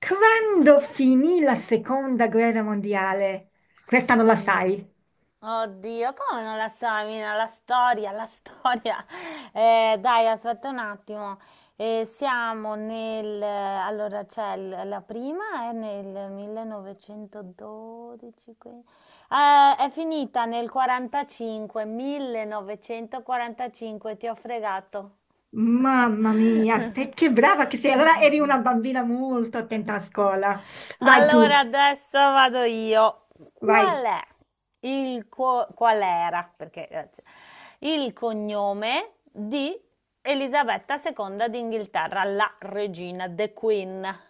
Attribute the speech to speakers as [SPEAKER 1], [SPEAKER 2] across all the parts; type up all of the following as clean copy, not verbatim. [SPEAKER 1] Quando finì la seconda guerra mondiale? Questa non la
[SPEAKER 2] Od-
[SPEAKER 1] sai.
[SPEAKER 2] Oddio, come non la indovina? La storia, la storia. Dai, aspetta un attimo. Allora, c'è la prima è nel 1912. È finita nel 45, 1945, ti ho fregato.
[SPEAKER 1] Mamma mia, che brava che sei. Allora eri una bambina molto attenta a scuola. Vai
[SPEAKER 2] Allora
[SPEAKER 1] tu,
[SPEAKER 2] adesso vado io.
[SPEAKER 1] vai.
[SPEAKER 2] Qual è qual era? Perché il cognome di Elisabetta II d'Inghilterra, la regina, the Queen.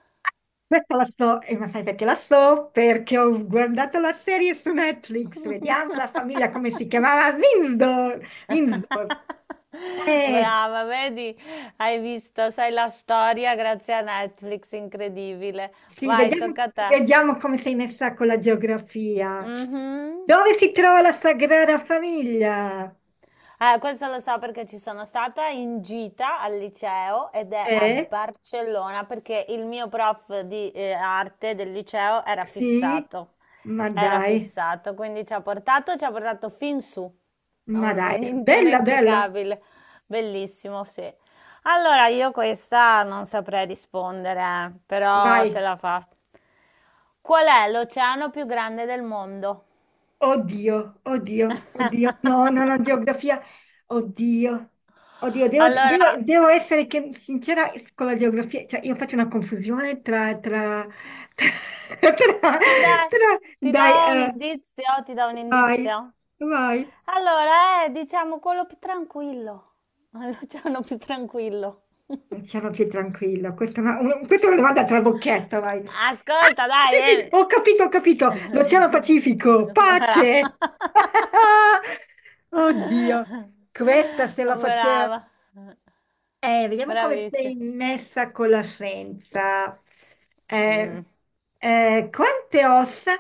[SPEAKER 1] Questa la so, e ma sai perché la so? Perché ho guardato la serie su Netflix. Vediamo la famiglia come si chiamava. Windsor. Windsor. Eh,
[SPEAKER 2] Brava, vedi? Hai visto, sai la storia grazie a Netflix, incredibile.
[SPEAKER 1] sì,
[SPEAKER 2] Vai,
[SPEAKER 1] vediamo,
[SPEAKER 2] tocca a te.
[SPEAKER 1] vediamo come sei messa con la geografia.
[SPEAKER 2] Mhm.
[SPEAKER 1] Dove si trova la Sagrada Famiglia?
[SPEAKER 2] Questo lo so perché ci sono stata in gita al liceo ed è a
[SPEAKER 1] Eh?
[SPEAKER 2] Barcellona perché il mio prof di arte del liceo era
[SPEAKER 1] Sì,
[SPEAKER 2] fissato.
[SPEAKER 1] ma
[SPEAKER 2] Era
[SPEAKER 1] dai,
[SPEAKER 2] fissato, quindi ci ha portato fin su. È
[SPEAKER 1] ma
[SPEAKER 2] Un,
[SPEAKER 1] dai,
[SPEAKER 2] un
[SPEAKER 1] bella, bella,
[SPEAKER 2] indimenticabile, bellissimo, sì. Allora, io questa non saprei rispondere, però te
[SPEAKER 1] vai.
[SPEAKER 2] la faccio. Qual è l'oceano più grande del mondo?
[SPEAKER 1] Oddio, oddio, oddio. No, no, no, geografia. Oddio, oddio,
[SPEAKER 2] Allora,
[SPEAKER 1] devo essere sincera con la geografia. Cioè, io faccio una confusione tra,
[SPEAKER 2] dai, ti do
[SPEAKER 1] Dai,
[SPEAKER 2] un indizio, ti do un
[SPEAKER 1] vai,
[SPEAKER 2] indizio.
[SPEAKER 1] vai.
[SPEAKER 2] Allora, è, diciamo quello più tranquillo. L'oceano più tranquillo.
[SPEAKER 1] Non sono più tranquilla. Questa è una domanda trabocchetto, vai. Ah,
[SPEAKER 2] Ascolta, dai,
[SPEAKER 1] sì, sì, sì,
[SPEAKER 2] eh.
[SPEAKER 1] ho capito, ho capito. L'Oceano Pacifico,
[SPEAKER 2] Brava.
[SPEAKER 1] pace! Oddio, questa se la facevo.
[SPEAKER 2] Brava.
[SPEAKER 1] Vediamo come sei
[SPEAKER 2] Bravissima.
[SPEAKER 1] messa con la scienza. Eh,
[SPEAKER 2] Mm.
[SPEAKER 1] Quante ossa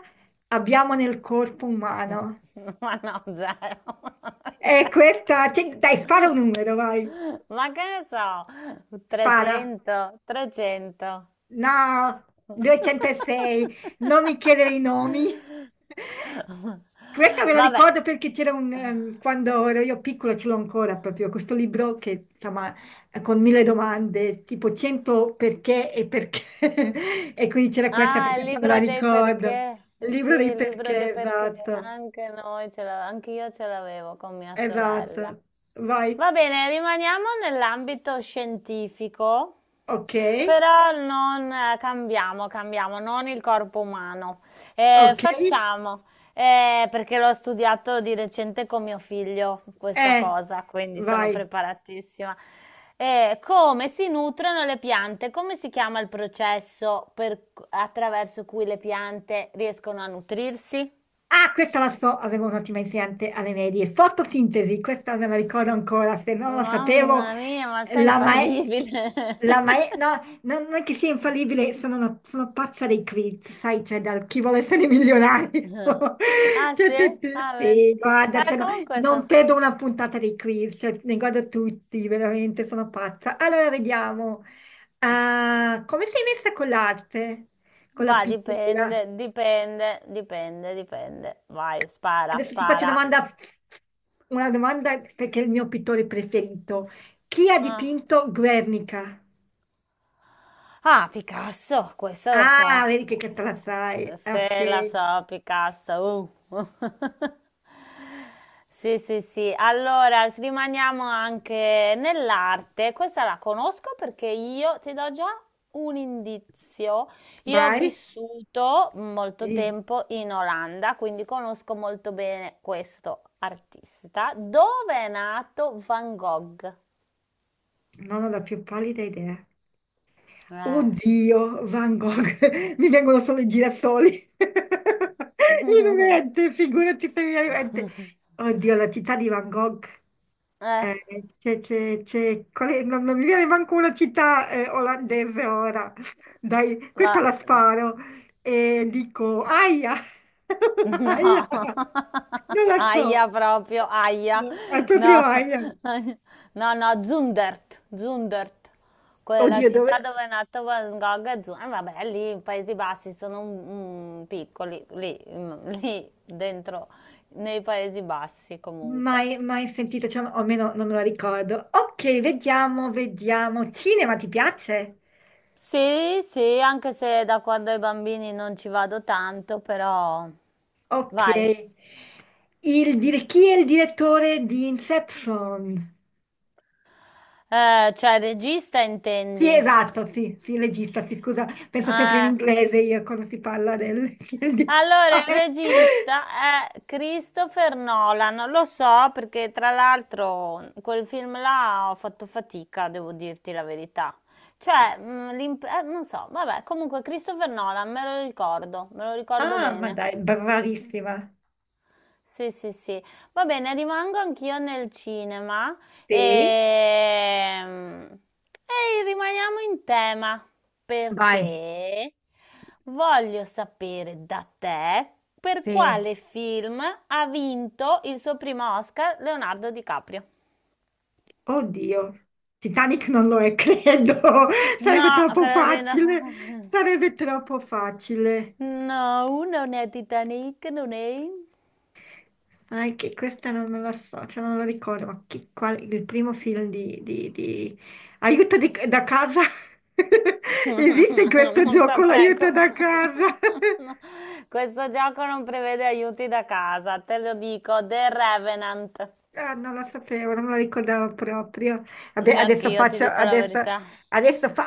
[SPEAKER 1] abbiamo nel corpo umano?
[SPEAKER 2] Ma no, zero.
[SPEAKER 1] Questa... Dai, spara un numero, vai.
[SPEAKER 2] Ma che ne so,
[SPEAKER 1] Spara.
[SPEAKER 2] 300, 300.
[SPEAKER 1] No, 206, non mi chiedere i nomi. Questa me la
[SPEAKER 2] Vabbè.
[SPEAKER 1] ricordo perché quando ero io piccola, ce l'ho ancora proprio, questo libro che insomma, è con mille domande, tipo 100 perché e perché. E quindi c'era questa, per
[SPEAKER 2] Ah, il
[SPEAKER 1] questa me la
[SPEAKER 2] libro dei
[SPEAKER 1] ricordo.
[SPEAKER 2] perché.
[SPEAKER 1] Il
[SPEAKER 2] Eh sì,
[SPEAKER 1] libro dei
[SPEAKER 2] il libro dei
[SPEAKER 1] perché,
[SPEAKER 2] perché.
[SPEAKER 1] esatto,
[SPEAKER 2] Anche noi ce l'avevamo, anche io ce l'avevo con mia sorella.
[SPEAKER 1] esatto. Vai,
[SPEAKER 2] Va bene, rimaniamo nell'ambito scientifico,
[SPEAKER 1] ok,
[SPEAKER 2] però non cambiamo, cambiamo, non il corpo umano.
[SPEAKER 1] ok,
[SPEAKER 2] Facciamo, perché l'ho studiato di recente con mio figlio questa
[SPEAKER 1] eh,
[SPEAKER 2] cosa, quindi sono
[SPEAKER 1] vai.
[SPEAKER 2] preparatissima. Come si nutrono le piante? Come si chiama il processo attraverso cui le piante riescono a nutrirsi?
[SPEAKER 1] Ah, questa la so, avevo un'ottima insegnante alle medie. Fotosintesi, questa me la ricordo ancora, se non la
[SPEAKER 2] Mamma
[SPEAKER 1] sapevo,
[SPEAKER 2] mia, ma sei
[SPEAKER 1] la mae...
[SPEAKER 2] infallibile!
[SPEAKER 1] No, no- non è che sia infallibile, sono pazza dei quiz, sai, cioè dal chi vuole essere milionario.
[SPEAKER 2] Ah
[SPEAKER 1] Cioè,
[SPEAKER 2] sì?
[SPEAKER 1] sì, sì,
[SPEAKER 2] Ah, vedi.
[SPEAKER 1] sì, guarda, cioè, no,
[SPEAKER 2] Comunque,
[SPEAKER 1] non perdo una puntata dei quiz, cioè, ne guardo tutti, veramente, sono pazza. Allora, vediamo. Ah, come sei messa con l'arte? Con la
[SPEAKER 2] va,
[SPEAKER 1] pittura?
[SPEAKER 2] dipende, dipende, dipende, dipende. Vai, spara,
[SPEAKER 1] Adesso ti faccio
[SPEAKER 2] spara.
[SPEAKER 1] una domanda perché è il mio pittore preferito. Chi ha
[SPEAKER 2] Ah.
[SPEAKER 1] dipinto Guernica?
[SPEAKER 2] Ah, Picasso, questo lo so.
[SPEAKER 1] Ah, vedi che questa la sai.
[SPEAKER 2] Se la
[SPEAKER 1] Ok,
[SPEAKER 2] so, Picasso. Sì, sì, sì. Allora, rimaniamo anche nell'arte. Questa la conosco perché io ti do già un indizio. Io ho
[SPEAKER 1] vai.
[SPEAKER 2] vissuto molto
[SPEAKER 1] Sì,
[SPEAKER 2] tempo in Olanda, quindi conosco molto bene questo artista. Dove è nato Van Gogh?
[SPEAKER 1] non ho la più pallida idea.
[SPEAKER 2] Eh.
[SPEAKER 1] Oddio, Van Gogh, mi vengono solo i girasoli. In mente, figurati se mi viene in mente. Oddio, la città di Van Gogh.
[SPEAKER 2] Eh,
[SPEAKER 1] Eh, non, non mi viene manco una città olandese ora. Dai, questa
[SPEAKER 2] va.
[SPEAKER 1] la sparo. E dico, aia! Aia!
[SPEAKER 2] No.
[SPEAKER 1] Non la so.
[SPEAKER 2] Aia proprio, aia.
[SPEAKER 1] È proprio
[SPEAKER 2] No.
[SPEAKER 1] aia.
[SPEAKER 2] No, no, Zundert, Zundert. Quella
[SPEAKER 1] Oddio,
[SPEAKER 2] città
[SPEAKER 1] dove...
[SPEAKER 2] dove è nato Van Gogh è Zundert. Vabbè, lì in Paesi Bassi sono piccoli, lì, lì dentro, nei Paesi Bassi comunque.
[SPEAKER 1] Mai, mai sentito, cioè, o almeno non me la ricordo. Ok, vediamo, vediamo. Cinema, ti piace?
[SPEAKER 2] Sì, sì, anche se da quando ai bambini non ci vado tanto, però
[SPEAKER 1] Ok.
[SPEAKER 2] vai.
[SPEAKER 1] Chi è il direttore di Inception?
[SPEAKER 2] Cioè regista
[SPEAKER 1] Sì,
[SPEAKER 2] intendi?
[SPEAKER 1] esatto, sì, sì, legista, sì, scusa, penso sempre in
[SPEAKER 2] Eh,
[SPEAKER 1] inglese io quando si parla del film di
[SPEAKER 2] allora il
[SPEAKER 1] Sare.
[SPEAKER 2] regista è Christopher Nolan, lo so perché tra l'altro quel film là ho fatto fatica, devo dirti la verità. Cioè, non so, vabbè, comunque Christopher Nolan me lo ricordo
[SPEAKER 1] Ah, ma
[SPEAKER 2] bene.
[SPEAKER 1] dai, bravissima.
[SPEAKER 2] Sì, sì, sì. Va bene, rimango anch'io nel cinema
[SPEAKER 1] Sì,
[SPEAKER 2] e... e rimaniamo in tema
[SPEAKER 1] vai,
[SPEAKER 2] perché voglio sapere da te per
[SPEAKER 1] sì.
[SPEAKER 2] quale film ha vinto il suo primo Oscar Leonardo DiCaprio.
[SPEAKER 1] Oddio, Titanic non lo è, credo,
[SPEAKER 2] No,
[SPEAKER 1] sarebbe troppo
[SPEAKER 2] credo di
[SPEAKER 1] facile,
[SPEAKER 2] no.
[SPEAKER 1] sarebbe troppo facile.
[SPEAKER 2] No, non è Titanic, non è.
[SPEAKER 1] Ah, è che questa non la so, cioè non la ricordo, ma il primo film Aiuto da casa? Esiste questo
[SPEAKER 2] Non
[SPEAKER 1] gioco,
[SPEAKER 2] saprei
[SPEAKER 1] l'aiuto da casa?
[SPEAKER 2] no. Questo gioco non prevede aiuti da casa, te lo dico, The Revenant.
[SPEAKER 1] Ah, non la sapevo, non me la ricordavo proprio. Vabbè,
[SPEAKER 2] Neanche
[SPEAKER 1] adesso
[SPEAKER 2] io ti
[SPEAKER 1] faccio,
[SPEAKER 2] dico la
[SPEAKER 1] adesso,
[SPEAKER 2] verità.
[SPEAKER 1] adesso fa...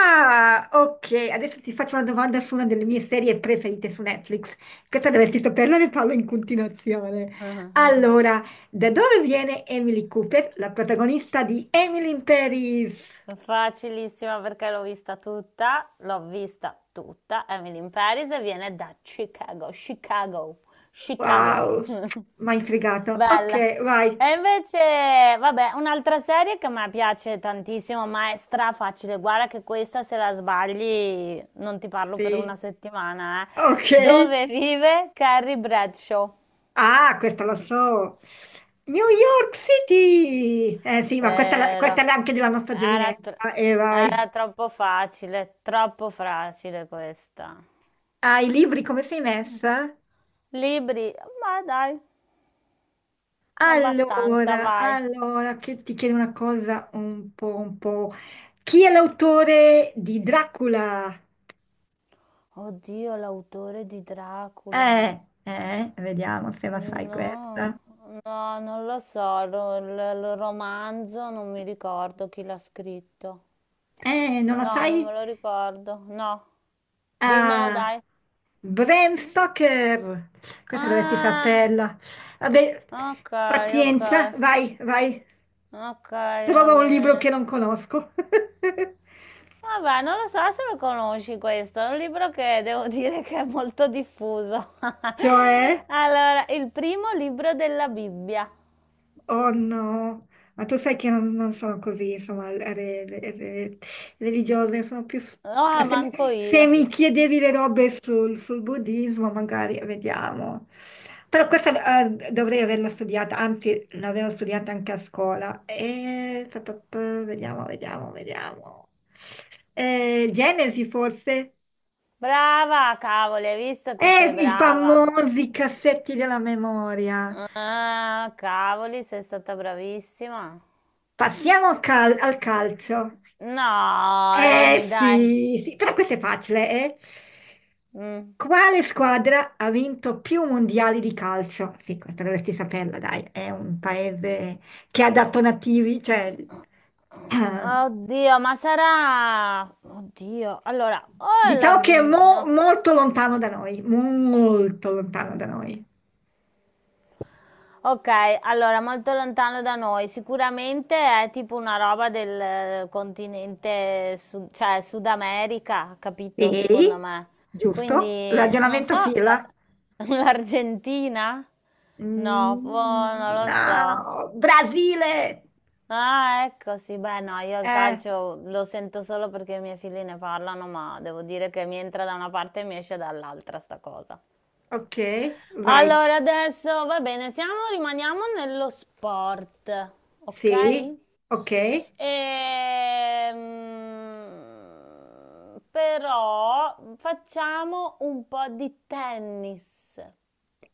[SPEAKER 1] Ah, ok, adesso ti faccio una domanda su una delle mie serie preferite su Netflix. Questa dovresti saperla, ne parlo in continuazione. Allora, da dove viene Emily Cooper, la protagonista di Emily in Paris?
[SPEAKER 2] Facilissima perché l'ho vista tutta, l'ho vista tutta. Emily in Paris e viene da Chicago, Chicago, Chicago.
[SPEAKER 1] Wow, mi hai fregato. Ok,
[SPEAKER 2] Bella.
[SPEAKER 1] vai.
[SPEAKER 2] E invece, vabbè, un'altra serie che a me piace tantissimo, ma è strafacile. Guarda che questa, se la sbagli, non ti parlo per una
[SPEAKER 1] Sì,
[SPEAKER 2] settimana, eh.
[SPEAKER 1] ok.
[SPEAKER 2] Dove vive Carrie Bradshaw?
[SPEAKER 1] Ah, questa lo so. New York City! Eh sì, ma questa
[SPEAKER 2] Vero.
[SPEAKER 1] è anche della nostra
[SPEAKER 2] Era, tro-
[SPEAKER 1] giovinezza. E vai.
[SPEAKER 2] era troppo facile questa.
[SPEAKER 1] Ah, i libri come sei messa?
[SPEAKER 2] Libri, ma dai, abbastanza,
[SPEAKER 1] Allora,
[SPEAKER 2] vai.
[SPEAKER 1] allora, che ti chiedo una cosa un po', un po'. Chi è l'autore di Dracula?
[SPEAKER 2] Oddio, l'autore di Dracula.
[SPEAKER 1] Vediamo se la sai
[SPEAKER 2] No,
[SPEAKER 1] questa.
[SPEAKER 2] no, non lo so, il romanzo non mi ricordo chi l'ha scritto.
[SPEAKER 1] Non la
[SPEAKER 2] No, non
[SPEAKER 1] sai?
[SPEAKER 2] me lo ricordo. No, dimmelo
[SPEAKER 1] Ah,
[SPEAKER 2] dai.
[SPEAKER 1] Bram Stoker. Questa dovresti
[SPEAKER 2] Ah,
[SPEAKER 1] saperla. Vabbè,
[SPEAKER 2] ok, ok,
[SPEAKER 1] pazienza, vai, vai.
[SPEAKER 2] ok, va
[SPEAKER 1] Trova un libro
[SPEAKER 2] bene.
[SPEAKER 1] che non conosco.
[SPEAKER 2] Vabbè, non lo so se lo conosci questo, è un libro che devo dire che è molto diffuso.
[SPEAKER 1] Cioè?
[SPEAKER 2] Allora, il primo libro della Bibbia.
[SPEAKER 1] Oh no, ma tu sai che non sono così, insomma, re- re- religiose, sono più... cioè,
[SPEAKER 2] Ah, manco
[SPEAKER 1] Se
[SPEAKER 2] io.
[SPEAKER 1] mi chiedevi le robe sul buddismo, magari vediamo. Però questa dovrei averla studiata, anzi l'avevo studiata anche a scuola. E... Vediamo, vediamo, vediamo. Genesi forse?
[SPEAKER 2] Brava, cavoli, hai visto che sei
[SPEAKER 1] I
[SPEAKER 2] brava.
[SPEAKER 1] famosi cassetti della memoria.
[SPEAKER 2] Ah, cavoli, sei stata bravissima.
[SPEAKER 1] Passiamo al calcio.
[SPEAKER 2] No,
[SPEAKER 1] Eh
[SPEAKER 2] Emi, dai.
[SPEAKER 1] sì, sì, però questo è facile, eh?
[SPEAKER 2] Mm.
[SPEAKER 1] Quale squadra ha vinto più mondiali di calcio? Sì, questa dovresti saperla, dai, è un paese che ha dato nativi, cioè, eh,
[SPEAKER 2] Oddio, allora, o è
[SPEAKER 1] diciamo che è
[SPEAKER 2] l'Argentina...
[SPEAKER 1] molto lontano da noi, molto lontano da noi.
[SPEAKER 2] Ok, allora, molto lontano da noi. Sicuramente è tipo una roba del continente, cioè Sud America, capito, secondo
[SPEAKER 1] Sì,
[SPEAKER 2] me.
[SPEAKER 1] giusto?
[SPEAKER 2] Quindi, non so,
[SPEAKER 1] Ragionamento fila.
[SPEAKER 2] l'Argentina? No, boh,
[SPEAKER 1] Mm,
[SPEAKER 2] non lo so.
[SPEAKER 1] no, Brasile!
[SPEAKER 2] Ah, ecco, sì, beh, no, io il
[SPEAKER 1] Eh,
[SPEAKER 2] calcio lo sento solo perché i miei figli ne parlano, ma devo dire che mi entra da una parte e mi esce dall'altra sta cosa.
[SPEAKER 1] Ok, vai.
[SPEAKER 2] Allora, adesso va bene, rimaniamo nello sport, ok?
[SPEAKER 1] Sì, ok.
[SPEAKER 2] Però facciamo un po' di tennis.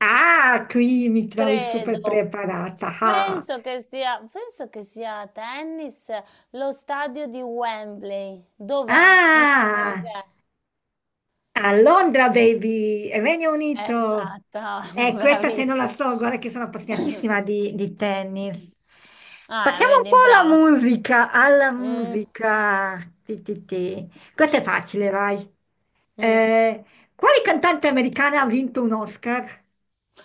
[SPEAKER 1] Ah, qui mi trovi super
[SPEAKER 2] Credo.
[SPEAKER 1] preparata. Ah,
[SPEAKER 2] Penso che sia a tennis lo stadio di Wembley. Dov'è? In che paese
[SPEAKER 1] Ah,
[SPEAKER 2] è?
[SPEAKER 1] a Londra, baby, Regno Unito.
[SPEAKER 2] Esatto,
[SPEAKER 1] Questa se non la
[SPEAKER 2] bravissimo.
[SPEAKER 1] so, guarda che sono appassionatissima di tennis.
[SPEAKER 2] Ah,
[SPEAKER 1] Passiamo un
[SPEAKER 2] vedi,
[SPEAKER 1] po'
[SPEAKER 2] bravo.
[SPEAKER 1] alla musica, alla
[SPEAKER 2] Mm,
[SPEAKER 1] musica. Ti, ti, ti. Questa è facile, vai.
[SPEAKER 2] mm.
[SPEAKER 1] Eh, quale cantante americana ha vinto un Oscar?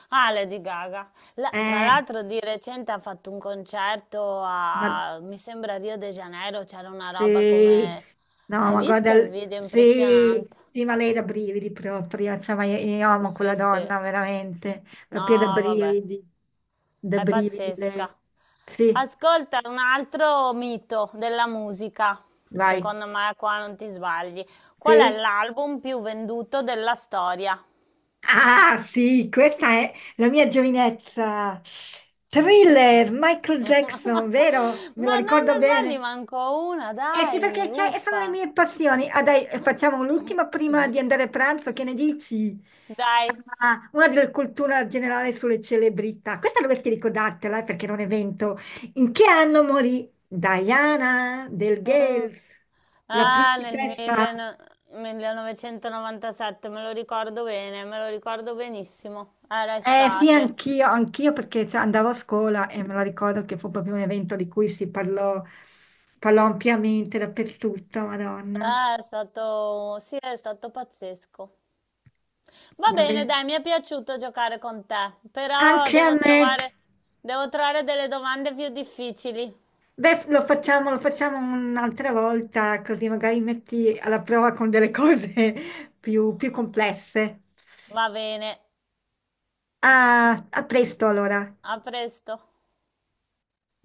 [SPEAKER 2] Ah, Lady Gaga. Tra
[SPEAKER 1] Eh,
[SPEAKER 2] l'altro di recente ha fatto un concerto
[SPEAKER 1] ma
[SPEAKER 2] a, mi sembra, Rio de Janeiro, c'era una roba
[SPEAKER 1] Sì,
[SPEAKER 2] come...
[SPEAKER 1] no,
[SPEAKER 2] Hai
[SPEAKER 1] ma guarda,
[SPEAKER 2] visto il video?
[SPEAKER 1] sì,
[SPEAKER 2] Impressionante.
[SPEAKER 1] sì, ma lei da brividi proprio, cioè, ma io amo quella
[SPEAKER 2] Sì, sì.
[SPEAKER 1] donna, veramente,
[SPEAKER 2] No,
[SPEAKER 1] proprio
[SPEAKER 2] vabbè,
[SPEAKER 1] da
[SPEAKER 2] è
[SPEAKER 1] brividi
[SPEAKER 2] pazzesca.
[SPEAKER 1] lei. Sì,
[SPEAKER 2] Ascolta un altro mito della musica.
[SPEAKER 1] vai,
[SPEAKER 2] Secondo me qua non ti sbagli. Qual è
[SPEAKER 1] sì.
[SPEAKER 2] l'album più venduto della storia?
[SPEAKER 1] Ah, sì, questa è la mia giovinezza. Thriller, Michael
[SPEAKER 2] Ma,
[SPEAKER 1] Jackson,
[SPEAKER 2] co-
[SPEAKER 1] vero? Me lo
[SPEAKER 2] ma non
[SPEAKER 1] ricordo
[SPEAKER 2] ne sbagli
[SPEAKER 1] bene.
[SPEAKER 2] manco una,
[SPEAKER 1] Eh sì,
[SPEAKER 2] dai,
[SPEAKER 1] perché sono le
[SPEAKER 2] uppa.
[SPEAKER 1] mie passioni. Ah dai, facciamo l'ultima prima di andare a pranzo, che ne dici?
[SPEAKER 2] Dai.
[SPEAKER 1] Ah, una della cultura generale sulle celebrità. Questa dovresti ricordartela perché era un evento. In che anno morì Diana del
[SPEAKER 2] Mm.
[SPEAKER 1] Gales, la
[SPEAKER 2] Ah, nel
[SPEAKER 1] principessa?
[SPEAKER 2] 1900 1997, me lo ricordo bene, me lo ricordo benissimo. Era
[SPEAKER 1] Eh sì,
[SPEAKER 2] estate.
[SPEAKER 1] anch'io, anch'io perché cioè, andavo a scuola e me lo ricordo che fu proprio un evento di cui si parlò, parlò ampiamente dappertutto, Madonna.
[SPEAKER 2] È stato, sì, è stato pazzesco. Va bene,
[SPEAKER 1] Vabbè.
[SPEAKER 2] dai, mi è piaciuto giocare con te, però
[SPEAKER 1] Anche a
[SPEAKER 2] devo
[SPEAKER 1] me.
[SPEAKER 2] trovare, devo trovare delle domande più difficili.
[SPEAKER 1] Beh, lo facciamo un'altra volta, così magari metti alla prova con delle cose più, più complesse.
[SPEAKER 2] Va bene,
[SPEAKER 1] Ah, a presto allora.
[SPEAKER 2] a presto.